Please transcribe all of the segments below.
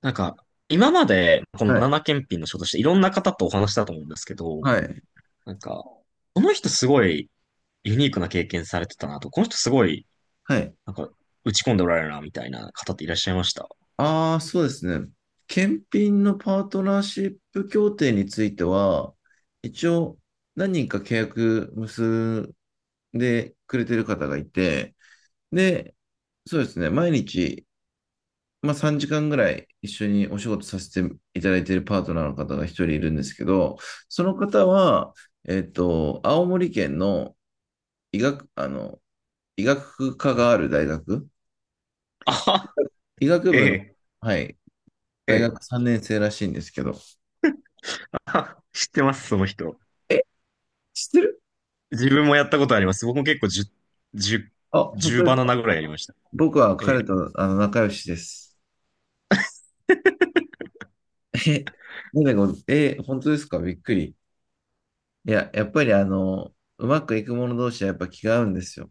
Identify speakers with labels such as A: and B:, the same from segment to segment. A: なんか、今まで、この
B: は
A: バナ
B: い。
A: ナ検品の仕事していろんな方とお話したと思うんですけど、
B: はい。
A: なんか、この人すごいユニークな経験されてたなと、この人すごい、
B: はい。
A: なんか、打ち込んでおられるな、みたいな方っていらっしゃいました？
B: ああ、そうですね。検品のパートナーシップ協定については、一応何人か契約結んでくれてる方がいて、で、そうですね。毎日、3時間ぐらい一緒にお仕事させていただいているパートナーの方が一人いるんですけど、その方は、青森県の医学、医学科がある大学、
A: あは、
B: 医学
A: え
B: 部の、
A: え、
B: はい、
A: え
B: 大
A: え、
B: 学3年生らしいんですけど、
A: あは知ってます、その人。
B: え、知ってる？
A: 自分もやったことあります。僕も結構10、10、
B: あ、本
A: 10
B: 当です
A: バナ
B: か？
A: ナぐらいやりました。
B: 僕は
A: え
B: 彼
A: え、
B: と仲良しです。え、なんでえ、本当ですか？びっくり。いや、やっぱりうまくいく者同士はやっぱ気が合うんですよ。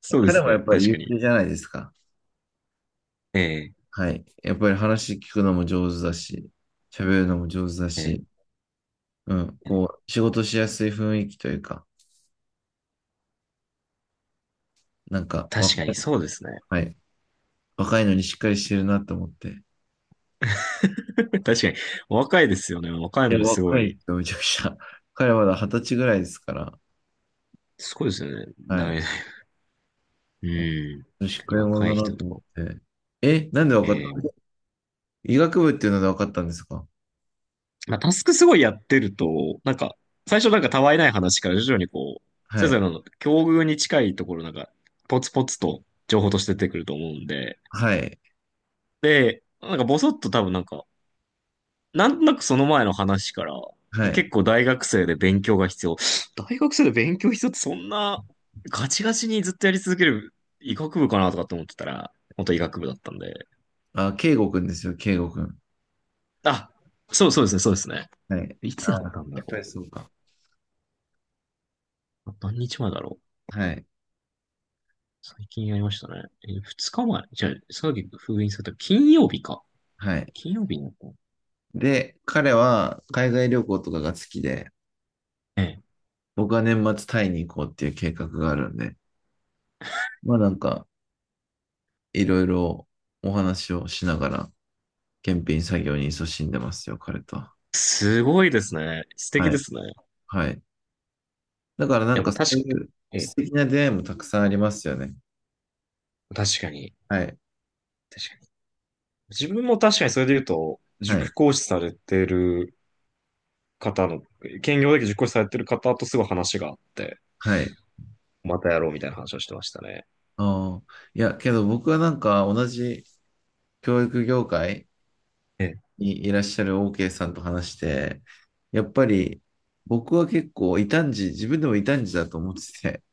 A: そうで
B: 彼
A: す
B: もや
A: ね、
B: っぱり
A: 確
B: 優
A: かに。
B: 秀じゃないですか。
A: ええ、
B: はい。やっぱり話聞くのも上手だし、喋るのも上手だ
A: ええ、
B: し、うん、
A: ええ、
B: こう、仕事しやすい雰囲気というか、若
A: 確かに
B: い、
A: そうですね。
B: はい、若いのにしっかりしてるなと思って、
A: 確かに。お若いですよね。お若い
B: いや、
A: のにすご
B: 若い
A: い。
B: ですよ、めちゃくちゃ。彼はまだ二十歳ぐらいですから。
A: すごいですよね。
B: は
A: だめ
B: い。
A: だ。うん。
B: 女
A: 確
B: 子
A: かに
B: 会も
A: 若
B: だ
A: い
B: な
A: 人
B: と
A: と
B: 思っ
A: か。
B: て。え、なんで分かったん
A: ええ、
B: ですか？医学部っていうので分かったんですか？
A: まあ、タスクすごいやってると、なんか、最初なんかたわいない話から徐々にこう、
B: は
A: それぞれ
B: い。
A: の境遇に近いところなんか、ポツポツと情報として出てくると思うんで、
B: はい。
A: で、なんかボソッと多分なんか、なんとなくその前の話から、
B: はい。
A: 結構大学生で勉強が必要。大学生で勉強必要ってそんなガチガチにずっとやり続ける医学部かなとかって思ってたら、本当医学部だったんで。
B: あ、圭吾くんですよ、圭吾くん。
A: あ、そうそうですね、そうですね。
B: はい。
A: いつやっ
B: あ、
A: たんだ
B: やっぱり
A: ろ
B: そうか。
A: う？何日前だろう？
B: はい。
A: 最近やりましたね。え、二日前？じゃあ、さっき封印された金曜日か。
B: はい。
A: 金曜日にやったの？
B: で、彼は海外旅行とかが好きで、
A: ええ。
B: 僕は年末タイに行こうっていう計画があるんで、まあなんか、いろいろお話をしながら、検品作業に勤しんでますよ、彼とは。
A: すごいですね。素敵
B: はい。
A: ですね。い
B: はい。だから
A: や、まあ
B: そ
A: 確か、
B: ういう
A: え
B: 素
A: え、
B: 敵な出会いもたくさんありますよね。
A: 確かに。
B: はい。
A: 確かに。自分も確かにそれで言うと、
B: は
A: 塾
B: い。
A: 講師されてる方の、兼業だけ塾講師されてる方とすごい話があって、
B: はい。
A: またやろうみたいな話をしてましたね。
B: ああ。いや、けど僕は同じ教育業界
A: ええ、
B: にいらっしゃる OK さんと話して、やっぱり僕は結構異端児、自分でも異端児だと思ってて、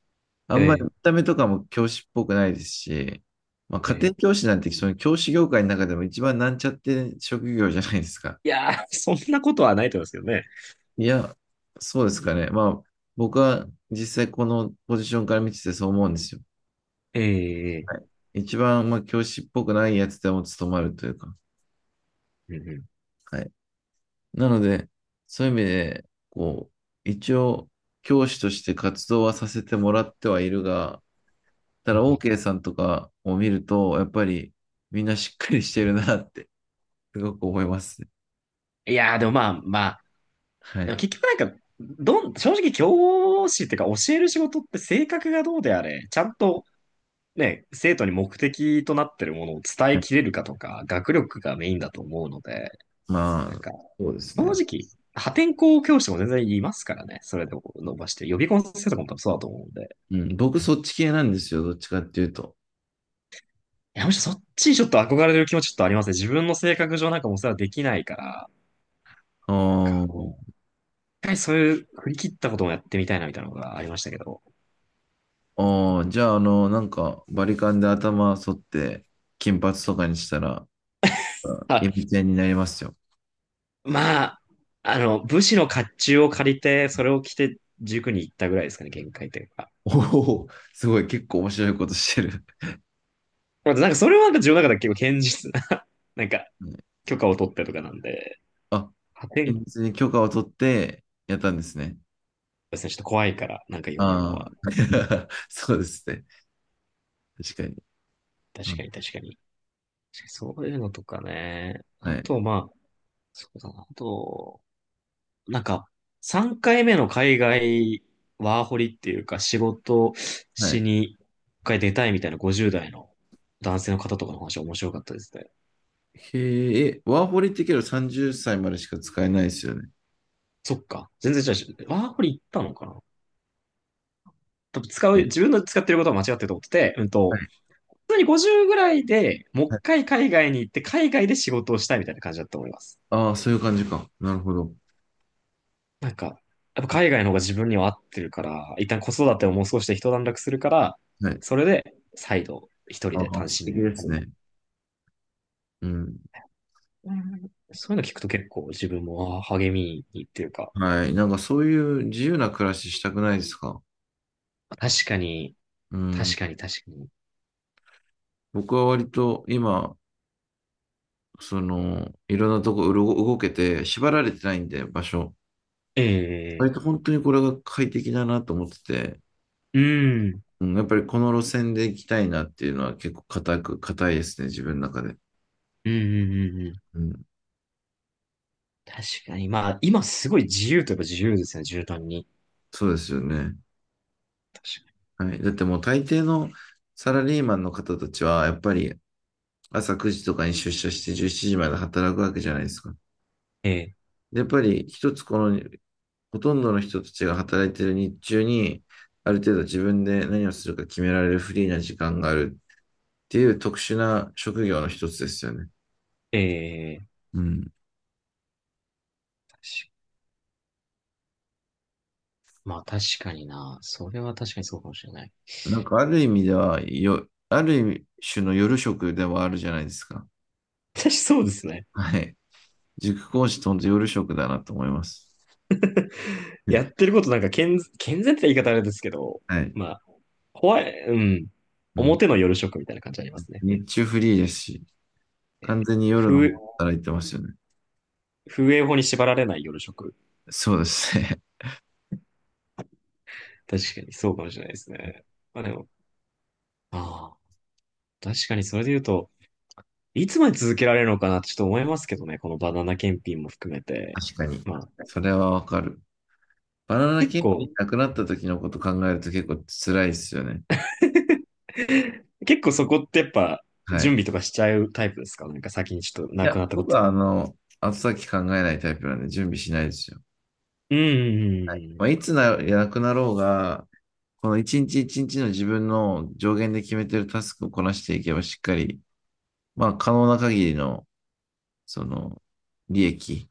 B: あ
A: え
B: んまり
A: え、
B: 見た目とかも教師っぽくないですし、まあ、
A: え
B: 家
A: え。
B: 庭教師なんてその教師業界の中でも一番なんちゃって職業じゃないですか。
A: いやー、そんなことはないと思いますけどね。
B: いや、そうですかね。まあ、僕は実際このポジションから見ててそう思うんですよ。
A: ええ、え
B: は
A: え、
B: い。一番、まあ、教師っぽくないやつでも務まるというか。
A: うん
B: はい。なので、そういう意味で、こう、一応、教師として活動はさせてもらってはいるが、た
A: う
B: だ、
A: ん。
B: OK さんとかを見ると、やっぱり、みんなしっかりしてるなって、すごく思いますね。
A: いやー、でもまあまあ、
B: は
A: でも
B: い。
A: 結局なんか、正直教師っていうか教える仕事って性格がどうであれ、ちゃんとね、生徒に目的となってるものを伝
B: は
A: え
B: い。
A: きれるかとか、学力がメインだと思うので、
B: ま
A: なん
B: あ、
A: か、
B: そうです
A: 正
B: ね。
A: 直、破天荒教師も全然いますからね。それでも伸ばして。予備校の先生とかも多分そうだと思うんで。
B: うん、僕、そっち系なんですよ。どっちかっていうと。
A: いや、むしろそっちにちょっと憧れる気持ちちょっとありますね。自分の性格上なんかもうそれはできないから、
B: あ
A: なんか、
B: ー。
A: 一回そういう振り切ったこともやってみたいなみたいなのがありましたけど。
B: ああ、じゃあ、バリカンで頭剃って、金髪とかにしたら、
A: は
B: エビ
A: い、
B: ちゃんになりますよ。
A: まあ、武士の甲冑を借りて、それを着て塾に行ったぐらいですかね、限界というか。
B: おお、すごい、結構面白いことしてる。
A: なんかそれはなんか自分の中では結構堅実な なんか
B: うん。
A: 許可を取ってとかなんで、
B: あ、
A: 破天荒
B: 現実に許可を取ってやったんですね。
A: ですね、ちょっと怖いから、なんか言われるの
B: あ
A: は、
B: あ、そうですね。確かに。う
A: 確
B: ん。
A: かに確かに。そういうのとかね。
B: は
A: あ
B: い。
A: と、まあ、そうだな。あと、なんか、3回目の海外ワーホリっていうか、仕事
B: は
A: し
B: い。
A: に一回出たいみたいな50代の男性の方とかの話面白かったですね。
B: へえ、え、ワーホリってけど30歳までしか使えないですよね。
A: そっか。全然違うし、ワーこリ行ったのかな？多分使う、自分の使ってることは間違ってると思ってて、
B: はい。
A: 普通に50ぐらいでもう
B: は
A: 一
B: い。
A: 回海外に行って、海外で仕事をしたいみたいな感じだと思います。
B: ああ、そういう感じか。なるほど。
A: なんか、やっぱ海外の方が自分には合ってるから、一旦子育てをもう少しで一段落するから、
B: はい。
A: それで再度一人で
B: ああ、
A: 単
B: 素
A: 身
B: 敵
A: の
B: です
A: 旅に。
B: ね。うん。
A: うん、そういうの聞くと結構自分も励みにっていうか、
B: はい。そういう自由な暮らししたくないですか？
A: 確かに、
B: う
A: 確
B: ん。
A: かに確かに。
B: 僕は割と今、その、いろんなとこうろ動けて、縛られてないんで、場所。
A: ええ、
B: 割と本当にこれが快適だなと思ってて、
A: うん、うん、
B: うん、やっぱりこの路線で行きたいなっていうのは結構固く、固いですね、自分の中で。
A: うん、うん、うん。
B: うん。
A: 確かに。まあ、今すごい自由といえば自由ですね、絨毯に。
B: そうですよね。
A: 確かに。
B: はい。だってもう大抵のサラリーマンの方たちは、やっぱり朝9時とかに出社して17時まで働くわけじゃないですか。
A: ええ、
B: でやっぱり一つこのほとんどの人たちが働いている日中に、ある程度自分で何をするか決められるフリーな時間があるっていう特殊な職業の一つですよね。
A: ええ、
B: うん。
A: 確かまあ確かにな。それは確かにそうかもしれない。
B: ある意味では、よ、ある種の夜食ではあるじゃないですか。
A: 私そうですね。
B: はい。塾講師と本当夜食だなと思います。
A: やってることなんか健全って言い方あれですけど、
B: はい。
A: まあ、怖い、うん。
B: うん。
A: 表の夜食みたいな感じありますね。
B: 日中フリーですし、
A: え、
B: 完全に夜の
A: 風、
B: 方働いてますよね。
A: 風営法に縛られない夜食。
B: そうですね。
A: 確かにそうかもしれないですね。まあでも、ああ、確かにそれで言うと、いつまで続けられるのかなってちょっと思いますけどね、このバナナ検品も含め て。
B: 確かに。
A: まあ、
B: それはわかる。バナナ
A: 結
B: キング
A: 構、
B: なくなった時のこと考えると結構辛いですよね。
A: 結構そこってやっぱ
B: はい。
A: 準
B: い
A: 備とかしちゃうタイプですか？なんか先にちょっと亡く
B: や、
A: なったこ
B: 僕
A: と。
B: は、後先考えないタイプなんで準備しないですよ。
A: うんうん
B: まあ、いつな、なくなろうが、この一日一日の自分の上限で決めてるタスクをこなしていけばしっかり、まあ、可能な限りの、その、利益、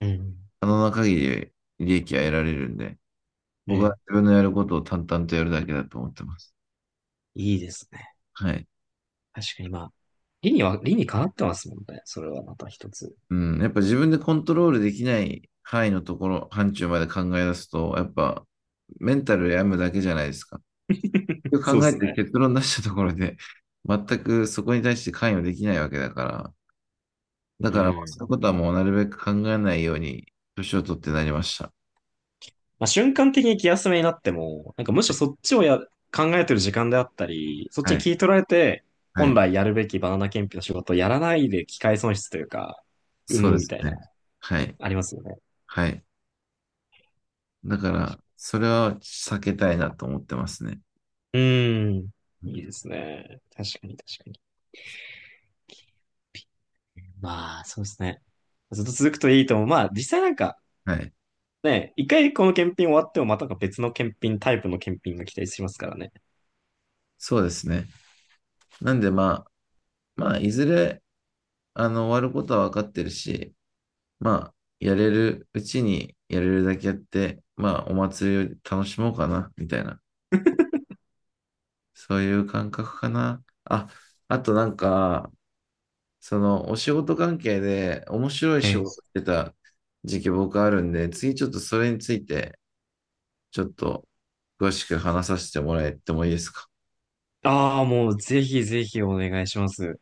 A: うんうん。うん、
B: 可能な限り利益は得られるんで、
A: え
B: 僕は
A: え、
B: 自分のやることを淡々とやるだけだと思ってます。
A: いいですね。
B: はい。
A: 確かにまあ、理にかなってますもんね。それはまた一つ。
B: うん。やっぱ自分でコントロールできない範囲のところ、範疇まで考え出すと、やっぱメンタル病むだけじゃないですか。結
A: そ
B: 局
A: う
B: 考
A: で
B: え
A: す
B: て
A: ね。
B: 結論出したところで、全くそこに対して関与できないわけだから、だ
A: う
B: からまあそ
A: ん。
B: ういう
A: ま
B: ことはもうなるべく考えないように、年を取ってなりました。
A: あ、瞬間的に気休めになっても、なんかむしろそっちをや、考えてる時間であったり、そっち
B: は
A: に聞
B: い。
A: い取られて、
B: は
A: 本
B: い。
A: 来やるべきバナナ検品の仕事をやらないで機会損失というか、生
B: そうで
A: むみ
B: す
A: たいな、
B: ね。はい。
A: ありますよね。
B: はい。だから、それは避けたいなと思ってますね。
A: うーん。いいですね。確かに確かに。まあ、そうですね。ずっと続くといいと思う。まあ、実際なんか、
B: はい。
A: ね、一回この検品終わってもまたなんか別の検品、タイプの検品が期待しますからね。
B: そうですね。なんでまあ、まあ、いずれ、終わることは分かってるし、まあ、やれるうちにやれるだけやって、まあ、お祭りを楽しもうかな、みたいな。そういう感覚かな。あ、あとそのお仕事関係で面白い
A: え
B: 仕事し
A: え。
B: てた時期僕あるんで、次ちょっとそれについてちょっと詳しく話させてもらえてもいいですか？
A: ああ、もうぜひぜひお願いします。